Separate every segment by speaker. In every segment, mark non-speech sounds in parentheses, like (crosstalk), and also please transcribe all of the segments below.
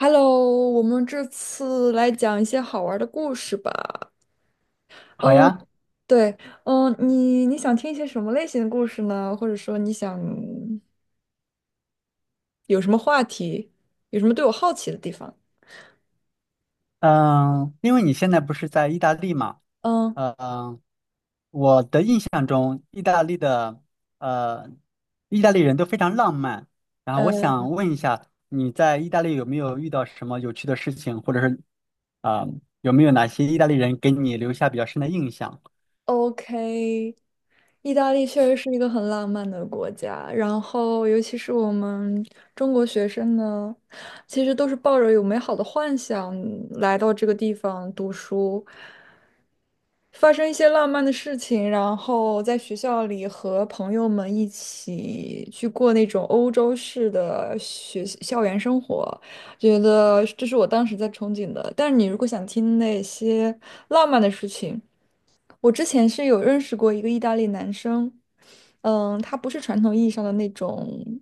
Speaker 1: Hello，我们这次来讲一些好玩的故事吧。
Speaker 2: 好
Speaker 1: 嗯，
Speaker 2: 呀。
Speaker 1: 对，嗯，你想听一些什么类型的故事呢？或者说你想有什么话题，有什么对我好奇的地方？
Speaker 2: 嗯，因为你现在不是在意大利嘛。
Speaker 1: 嗯，
Speaker 2: 嗯。我的印象中，意大利的呃，意大利人都非常浪漫。然后我
Speaker 1: 呃
Speaker 2: 想问一下，你在意大利有没有遇到什么有趣的事情，或者是啊，有没有哪些意大利人给你留下比较深的印象？
Speaker 1: ，OK，意大利确实是一个很浪漫的国家，然后尤其是我们中国学生呢，其实都是抱着有美好的幻想来到这个地方读书。发生一些浪漫的事情，然后在学校里和朋友们一起去过那种欧洲式的学校园生活，觉得这是我当时在憧憬的。但是你如果想听那些浪漫的事情，我之前是有认识过一个意大利男生，嗯，他不是传统意义上的那种。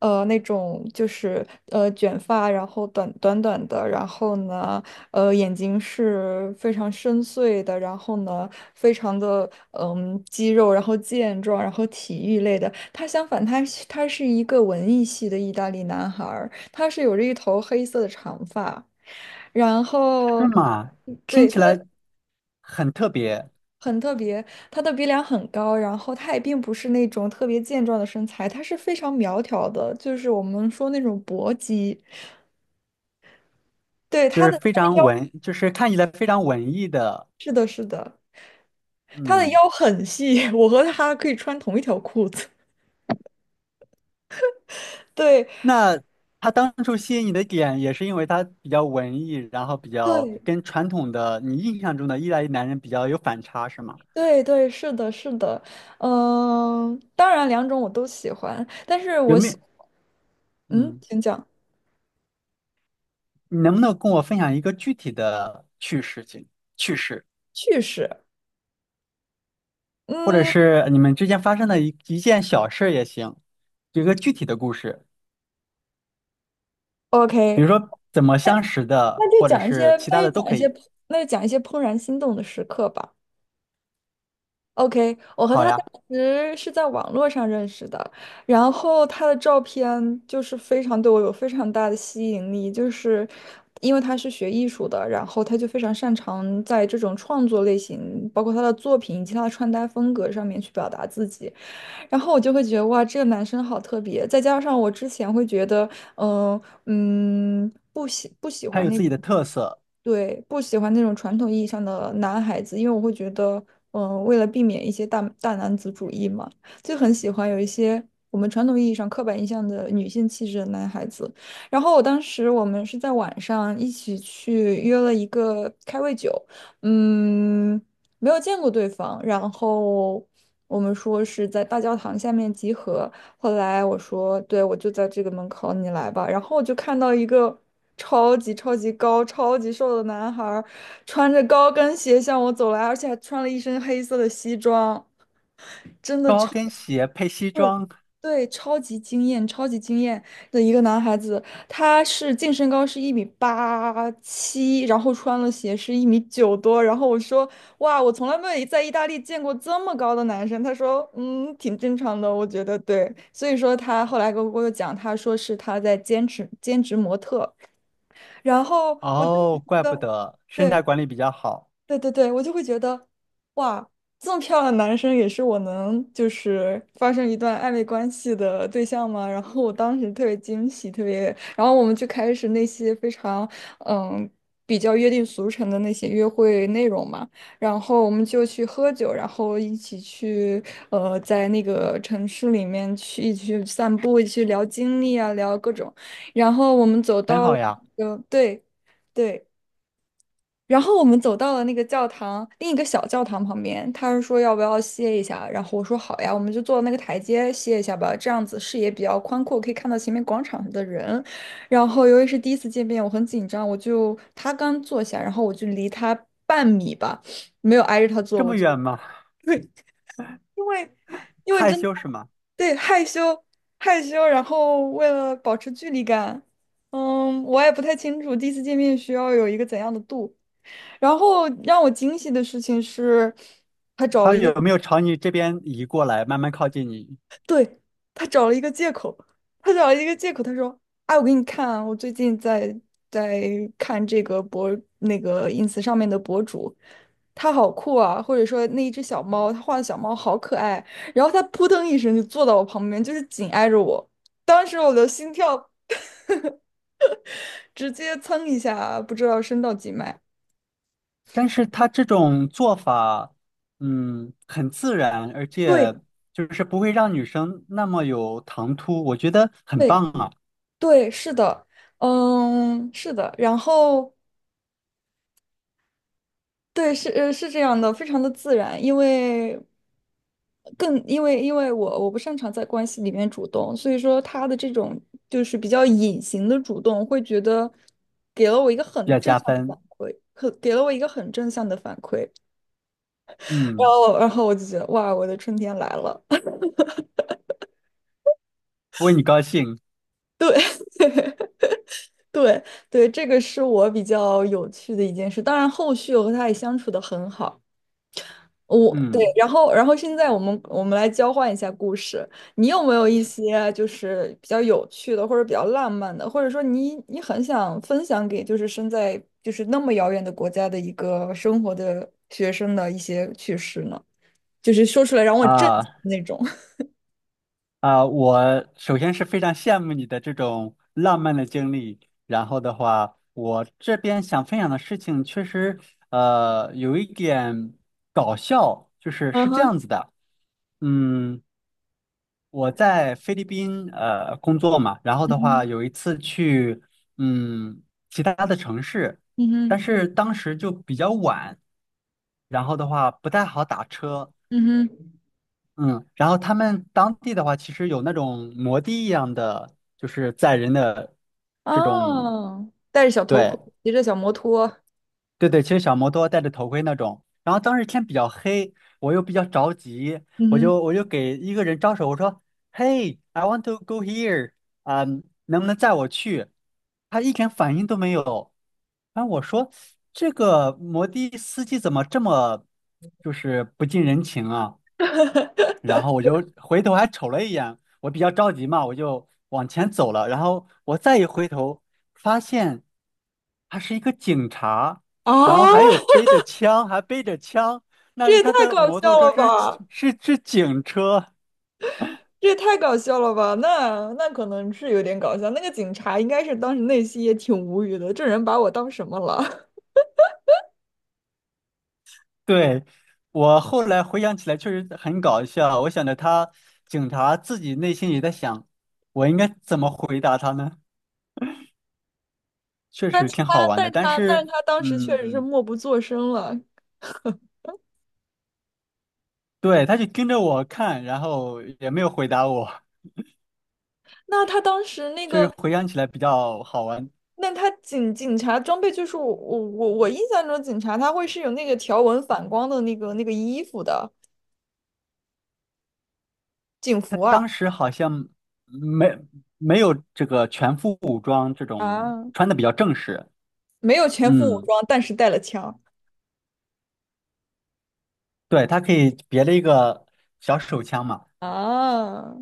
Speaker 1: 那种就是卷发，然后短的，然后呢眼睛是非常深邃的，然后呢非常的肌肉，然后健壮，然后体育类的。他相反，他是一个文艺系的意大利男孩儿，他是有着一头黑色的长发，然后。
Speaker 2: 是
Speaker 1: 嗯
Speaker 2: 吗？听
Speaker 1: 对，
Speaker 2: 起来很特别。
Speaker 1: 很特别，他的鼻梁很高，然后他也并不是那种特别健壮的身材，他是非常苗条的，就是我们说那种薄肌。对，
Speaker 2: 就
Speaker 1: 他
Speaker 2: 是
Speaker 1: 的
Speaker 2: 非
Speaker 1: 她的
Speaker 2: 常
Speaker 1: 腰，
Speaker 2: 文，就是看起来非常文艺的。
Speaker 1: 是的，是的，他的
Speaker 2: 嗯。
Speaker 1: 腰很细，(laughs) 我和他可以穿同一条裤子。(laughs) 对，
Speaker 2: 那他当初吸引你的点，也是因为他比较文艺，然后比较
Speaker 1: 对，
Speaker 2: 跟传统的你印象中的意大利男人比较有反差，是吗？
Speaker 1: 对，对，是的，是的，嗯、当然两种我都喜欢，但是
Speaker 2: 有
Speaker 1: 我
Speaker 2: 没有？
Speaker 1: 喜，嗯，
Speaker 2: 嗯，
Speaker 1: 请讲
Speaker 2: 你能不能跟我分享一个具体的趣事情、趣事，
Speaker 1: 趣事，
Speaker 2: 或者
Speaker 1: 嗯
Speaker 2: 是你们之间发生的一件小事也行，有一个具体的故事，比
Speaker 1: ，OK，
Speaker 2: 如说怎么
Speaker 1: 那
Speaker 2: 相识的，
Speaker 1: 那就
Speaker 2: 或者
Speaker 1: 讲一些，
Speaker 2: 是其他
Speaker 1: 那
Speaker 2: 的
Speaker 1: 就
Speaker 2: 都
Speaker 1: 讲一
Speaker 2: 可
Speaker 1: 些，
Speaker 2: 以。
Speaker 1: 那就讲一些怦然心动的时刻吧。OK，我和
Speaker 2: 好
Speaker 1: 他当
Speaker 2: 呀。
Speaker 1: 时是在网络上认识的，然后他的照片就是非常对我有非常大的吸引力，就是因为他是学艺术的，然后他就非常擅长在这种创作类型，包括他的作品以及他的穿搭风格上面去表达自己，然后我就会觉得哇，这个男生好特别，再加上我之前会觉得，嗯、不喜不喜
Speaker 2: 他
Speaker 1: 欢
Speaker 2: 有
Speaker 1: 那
Speaker 2: 自
Speaker 1: 种。
Speaker 2: 己的特色。
Speaker 1: 对，不喜欢那种传统意义上的男孩子，因为我会觉得，嗯，为了避免一些大男子主义嘛，就很喜欢有一些我们传统意义上刻板印象的女性气质的男孩子。然后我当时我们是在晚上一起去约了一个开胃酒，嗯，没有见过对方，然后我们说是在大教堂下面集合，后来我说，对，我就在这个门口，你来吧。然后我就看到一个超级超级高、超级瘦的男孩儿，穿着高跟鞋向我走来，而且还穿了一身黑色的西装，真的
Speaker 2: 高
Speaker 1: 超。
Speaker 2: 跟鞋配西
Speaker 1: 对，
Speaker 2: 装。
Speaker 1: 对，超级惊艳，超级惊艳的一个男孩子，他是净身高是1米87，然后穿了鞋是1米9多，然后我说哇，我从来没有在意大利见过这么高的男生。他说嗯，挺正常的，我觉得对。所以说他后来跟我讲，他说是他在兼职模特，然后我就觉
Speaker 2: 哦，怪不
Speaker 1: 得。
Speaker 2: 得身材
Speaker 1: 对，
Speaker 2: 管理比较好。
Speaker 1: 对对对，我就会觉得，哇，这么漂亮的男生也是我能就是发生一段暧昧关系的对象吗？(laughs) 然后我当时特别惊喜，特别，然后我们就开始那些非常嗯比较约定俗成的那些约会内容嘛，然后我们就去喝酒，然后一起去在那个城市里面去一起去散步，一起去聊经历啊，聊各种，然后我们走
Speaker 2: 很
Speaker 1: 到
Speaker 2: 好
Speaker 1: 了，
Speaker 2: 呀。
Speaker 1: 对。对，然后我们走到了那个教堂，另一个小教堂旁边，他是说要不要歇一下，然后我说好呀，我们就坐那个台阶歇一下吧，这样子视野比较宽阔，可以看到前面广场上的人。然后由于是第一次见面，我很紧张，我就他刚坐下，然后我就离他半米吧，没有挨着他坐，
Speaker 2: 这
Speaker 1: 我
Speaker 2: 么
Speaker 1: 就
Speaker 2: 远吗？
Speaker 1: (laughs) 对，因为因为
Speaker 2: 害
Speaker 1: 真的
Speaker 2: 羞是吗？
Speaker 1: 对害羞害羞，然后为了保持距离感，嗯，我也不太清楚第一次见面需要有一个怎样的度。然后让我惊喜的事情是，他找
Speaker 2: 他
Speaker 1: 了一个，
Speaker 2: 有没有朝你这边移过来，慢慢靠近你？
Speaker 1: 对，他找了一个借口，他找了一个借口，他说：“哎，我给你看啊，我最近在在看这个那个 ins 上面的博主，他好酷啊，或者说那一只小猫，他画的小猫好可爱。”然后他扑腾一声就坐到我旁边，就是紧挨着我，当时我的心跳直接蹭一下，不知道升到几迈。
Speaker 2: 但是他这种做法，嗯，很自然，而
Speaker 1: 对
Speaker 2: 且就是不会让女生那么有唐突，我觉得很
Speaker 1: 对
Speaker 2: 棒啊，
Speaker 1: 对，是的。嗯，是的，然后对，是这样的，非常的自然，因为因为我不擅长在关系里面主动，所以说他的这种就是比较隐形的主动，会觉得
Speaker 2: 比较加分。
Speaker 1: 给了我一个很正向的反馈，然
Speaker 2: 嗯，
Speaker 1: 后然后我就觉得哇，我的春天来了。(laughs)
Speaker 2: 为你高兴。
Speaker 1: 对对，这个是我比较有趣的一件事，当然后续我和他也相处的很好。对，
Speaker 2: 嗯。
Speaker 1: 然后现在我们来交换一下故事，你有没有一些就是比较有趣的，或者比较浪漫的，或者说你很想分享给就是身在就是那么遥远的国家的一个生活的学生的一些趣事呢？就是说出来让我震
Speaker 2: 啊，
Speaker 1: 惊的那种。(laughs)
Speaker 2: 啊，我首先是非常羡慕你的这种浪漫的经历。然后的话，我这边想分享的事情确实，有一点搞笑，就是
Speaker 1: 嗯
Speaker 2: 是这
Speaker 1: 哼，
Speaker 2: 样子的。嗯，我在菲律宾工作嘛，然后
Speaker 1: 嗯
Speaker 2: 的话
Speaker 1: 哼，
Speaker 2: 有一次去嗯其他的城市，
Speaker 1: 嗯
Speaker 2: 但
Speaker 1: 哼，
Speaker 2: 是当时就比较晚，然后的话不太好打车。
Speaker 1: 嗯哼，
Speaker 2: 嗯，然后他们当地的话，其实有那种摩的一样的，就是载人的这种。
Speaker 1: 哦，戴着小头
Speaker 2: 对
Speaker 1: 盔，骑着小摩托，
Speaker 2: 对对，其实小摩托戴着头盔那种。然后当时天比较黑，我又比较着急，
Speaker 1: 嗯
Speaker 2: 我
Speaker 1: 哼，
Speaker 2: 就我就给一个人招手，我说：“Hey, I want to go here，啊、能不能载我去？”他一点反应都没有。然后我说：“这个摩的司机怎么这么就是不近人情啊？”然后我就回头还瞅了一眼，我比较着急嘛，我就往前走了。然后我再一回头，发现他是一个警察，然后还有
Speaker 1: 啊，
Speaker 2: 背着枪，还背着枪，那
Speaker 1: 这
Speaker 2: 是
Speaker 1: 也
Speaker 2: 他
Speaker 1: 太
Speaker 2: 的
Speaker 1: 搞
Speaker 2: 摩
Speaker 1: 笑
Speaker 2: 托车
Speaker 1: 了
Speaker 2: 是
Speaker 1: 吧！
Speaker 2: 是警车。
Speaker 1: 这也太搞笑了吧？那可能是有点搞笑。那个警察应该是当时内心也挺无语的，这人把我当什么了？
Speaker 2: 对，我后来回想起来确实很搞笑，我想着他警察自己内心也在想，我应该怎么回答他呢？
Speaker 1: (laughs)
Speaker 2: 确实挺好玩的，但
Speaker 1: 但是
Speaker 2: 是
Speaker 1: 他当时确实是
Speaker 2: 嗯。
Speaker 1: 默不作声了。
Speaker 2: 对，他就跟着我看，然后也没有回答我，
Speaker 1: 那他当时那
Speaker 2: 就是
Speaker 1: 个，
Speaker 2: 回想起来比较好玩。
Speaker 1: 那他警察装备就是我印象中警察他会是有那个条纹反光的那个那个衣服的警
Speaker 2: 他
Speaker 1: 服啊
Speaker 2: 当时好像没没有这个全副武装这种，
Speaker 1: 啊，
Speaker 2: 穿的比较正式。
Speaker 1: 没有全副武
Speaker 2: 嗯，
Speaker 1: 装，但是带了枪
Speaker 2: 对，他可以别了一个小手枪嘛。
Speaker 1: 啊。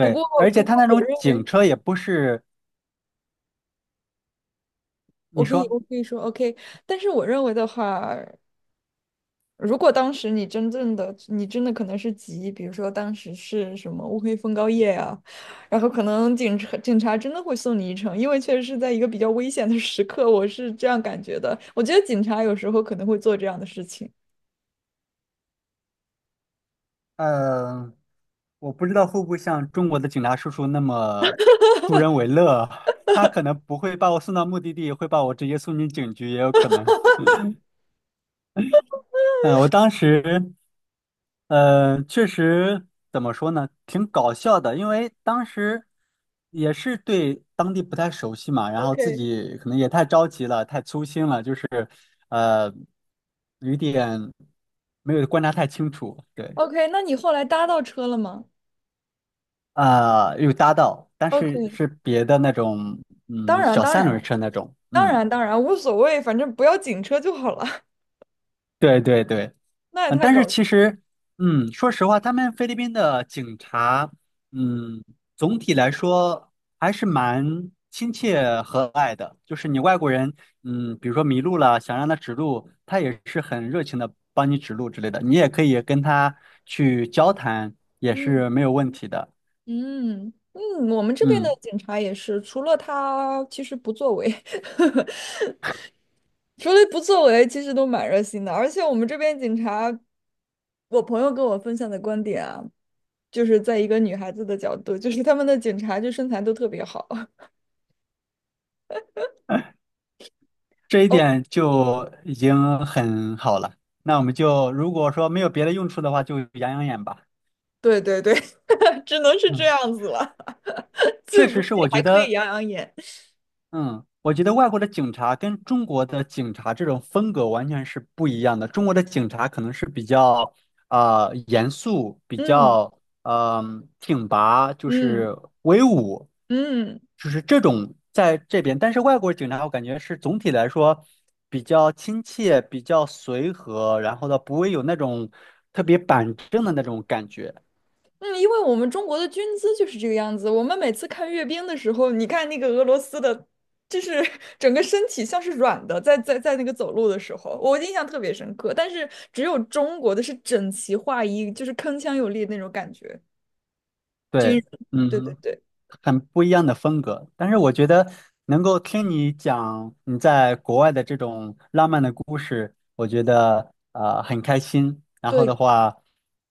Speaker 1: 不过
Speaker 2: 而且
Speaker 1: 不
Speaker 2: 他
Speaker 1: 过
Speaker 2: 那
Speaker 1: 我
Speaker 2: 种
Speaker 1: 认
Speaker 2: 警
Speaker 1: 为，
Speaker 2: 车也不是
Speaker 1: 我
Speaker 2: 你
Speaker 1: 跟你我
Speaker 2: 说。
Speaker 1: 可以说 OK。但是我认为的话，如果当时你真正的，你真的可能是急，比如说当时是什么乌黑风高夜啊，然后可能警察真的会送你一程，因为确实是在一个比较危险的时刻，我是这样感觉的。我觉得警察有时候可能会做这样的事情。
Speaker 2: 呃，我不知道会不会像中国的警察叔叔那么助人为乐，(laughs) 他可能不会把我送到目的地，会把我直接送进警局，也有可能。嗯，我当时，确实怎么说呢，挺搞笑的，因为当时也是对当地不太熟悉嘛，然后自
Speaker 1: OK
Speaker 2: 己可能也太着急了，太粗心了，就是，呃，有一点没有观察太清楚。对，
Speaker 1: OK，那你后来搭到车了吗
Speaker 2: 啊、有搭到，但是
Speaker 1: ？OK，
Speaker 2: 是别的那种。
Speaker 1: 当
Speaker 2: 嗯，
Speaker 1: 然
Speaker 2: 小
Speaker 1: 当
Speaker 2: 三轮
Speaker 1: 然
Speaker 2: 车那种。
Speaker 1: 当
Speaker 2: 嗯，
Speaker 1: 然当然无所谓，反正不要警车就好了。(laughs)
Speaker 2: 对对对。
Speaker 1: 那也
Speaker 2: 嗯，
Speaker 1: 太
Speaker 2: 但
Speaker 1: 搞
Speaker 2: 是其
Speaker 1: 笑
Speaker 2: 实，嗯，说实话，他们菲律宾的警察，嗯，总体来说还是蛮亲切和蔼的。就是你外国人，嗯，比如说迷路了，想让他指路，他也是很热情的帮你指路之类的。你也可以跟他去交谈，也是
Speaker 1: 嗯
Speaker 2: 没有问题的。
Speaker 1: 嗯嗯，我们这边的
Speaker 2: 嗯，
Speaker 1: 警察也是，除了他其实不作为。(laughs) 除了不作为，其实都蛮热心的。而且我们这边警察，我朋友跟我分享的观点啊，就是在一个女孩子的角度，就是他们的警察就身材都特别好。
Speaker 2: 这一
Speaker 1: 哦，
Speaker 2: 点就已经很好了。那我们就如果说没有别的用处的话，就养养眼吧。
Speaker 1: 对对对，(laughs) 只能是这
Speaker 2: 嗯，
Speaker 1: 样子了，(laughs)
Speaker 2: 确
Speaker 1: 最不
Speaker 2: 实
Speaker 1: 济
Speaker 2: 是，我觉
Speaker 1: 还可以
Speaker 2: 得。
Speaker 1: 养养眼。
Speaker 2: 嗯，我觉得外国的警察跟中国的警察这种风格完全是不一样的。中国的警察可能是比较严肃，比
Speaker 1: 嗯
Speaker 2: 较嗯、挺拔，就
Speaker 1: 嗯
Speaker 2: 是威武，
Speaker 1: 嗯。
Speaker 2: 就是这种在这边。但是外国警察我感觉是总体来说比较亲切，比较随和，然后呢不会有那种特别板正的那种感觉。
Speaker 1: 嗯，因为我们中国的军姿就是这个样子。我们每次看阅兵的时候，你看那个俄罗斯的，就是 (laughs) 整个身体像是软的，在在那个走路的时候，我印象特别深刻。但是只有中国的是整齐划一，就是铿锵有力的那种感觉。军
Speaker 2: 对。
Speaker 1: 人，对对
Speaker 2: 嗯，
Speaker 1: 对
Speaker 2: 很不一样的风格。但是我觉得能够听你讲你在国外的这种浪漫的故事，我觉得很开心。然后的
Speaker 1: 对，
Speaker 2: 话，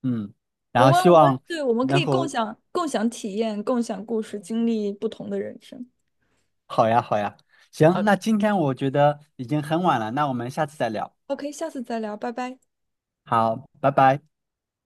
Speaker 2: 嗯，然
Speaker 1: 我
Speaker 2: 后
Speaker 1: 们
Speaker 2: 希
Speaker 1: 我们
Speaker 2: 望
Speaker 1: 对，我们可
Speaker 2: 能
Speaker 1: 以
Speaker 2: 够
Speaker 1: 共享体验，共享故事，经历不同的人生。
Speaker 2: 好呀好呀。
Speaker 1: 啊
Speaker 2: 行，那今天我觉得已经很晚了，那我们下次再聊。
Speaker 1: ，OK，下次再聊，拜拜。
Speaker 2: 好，拜拜。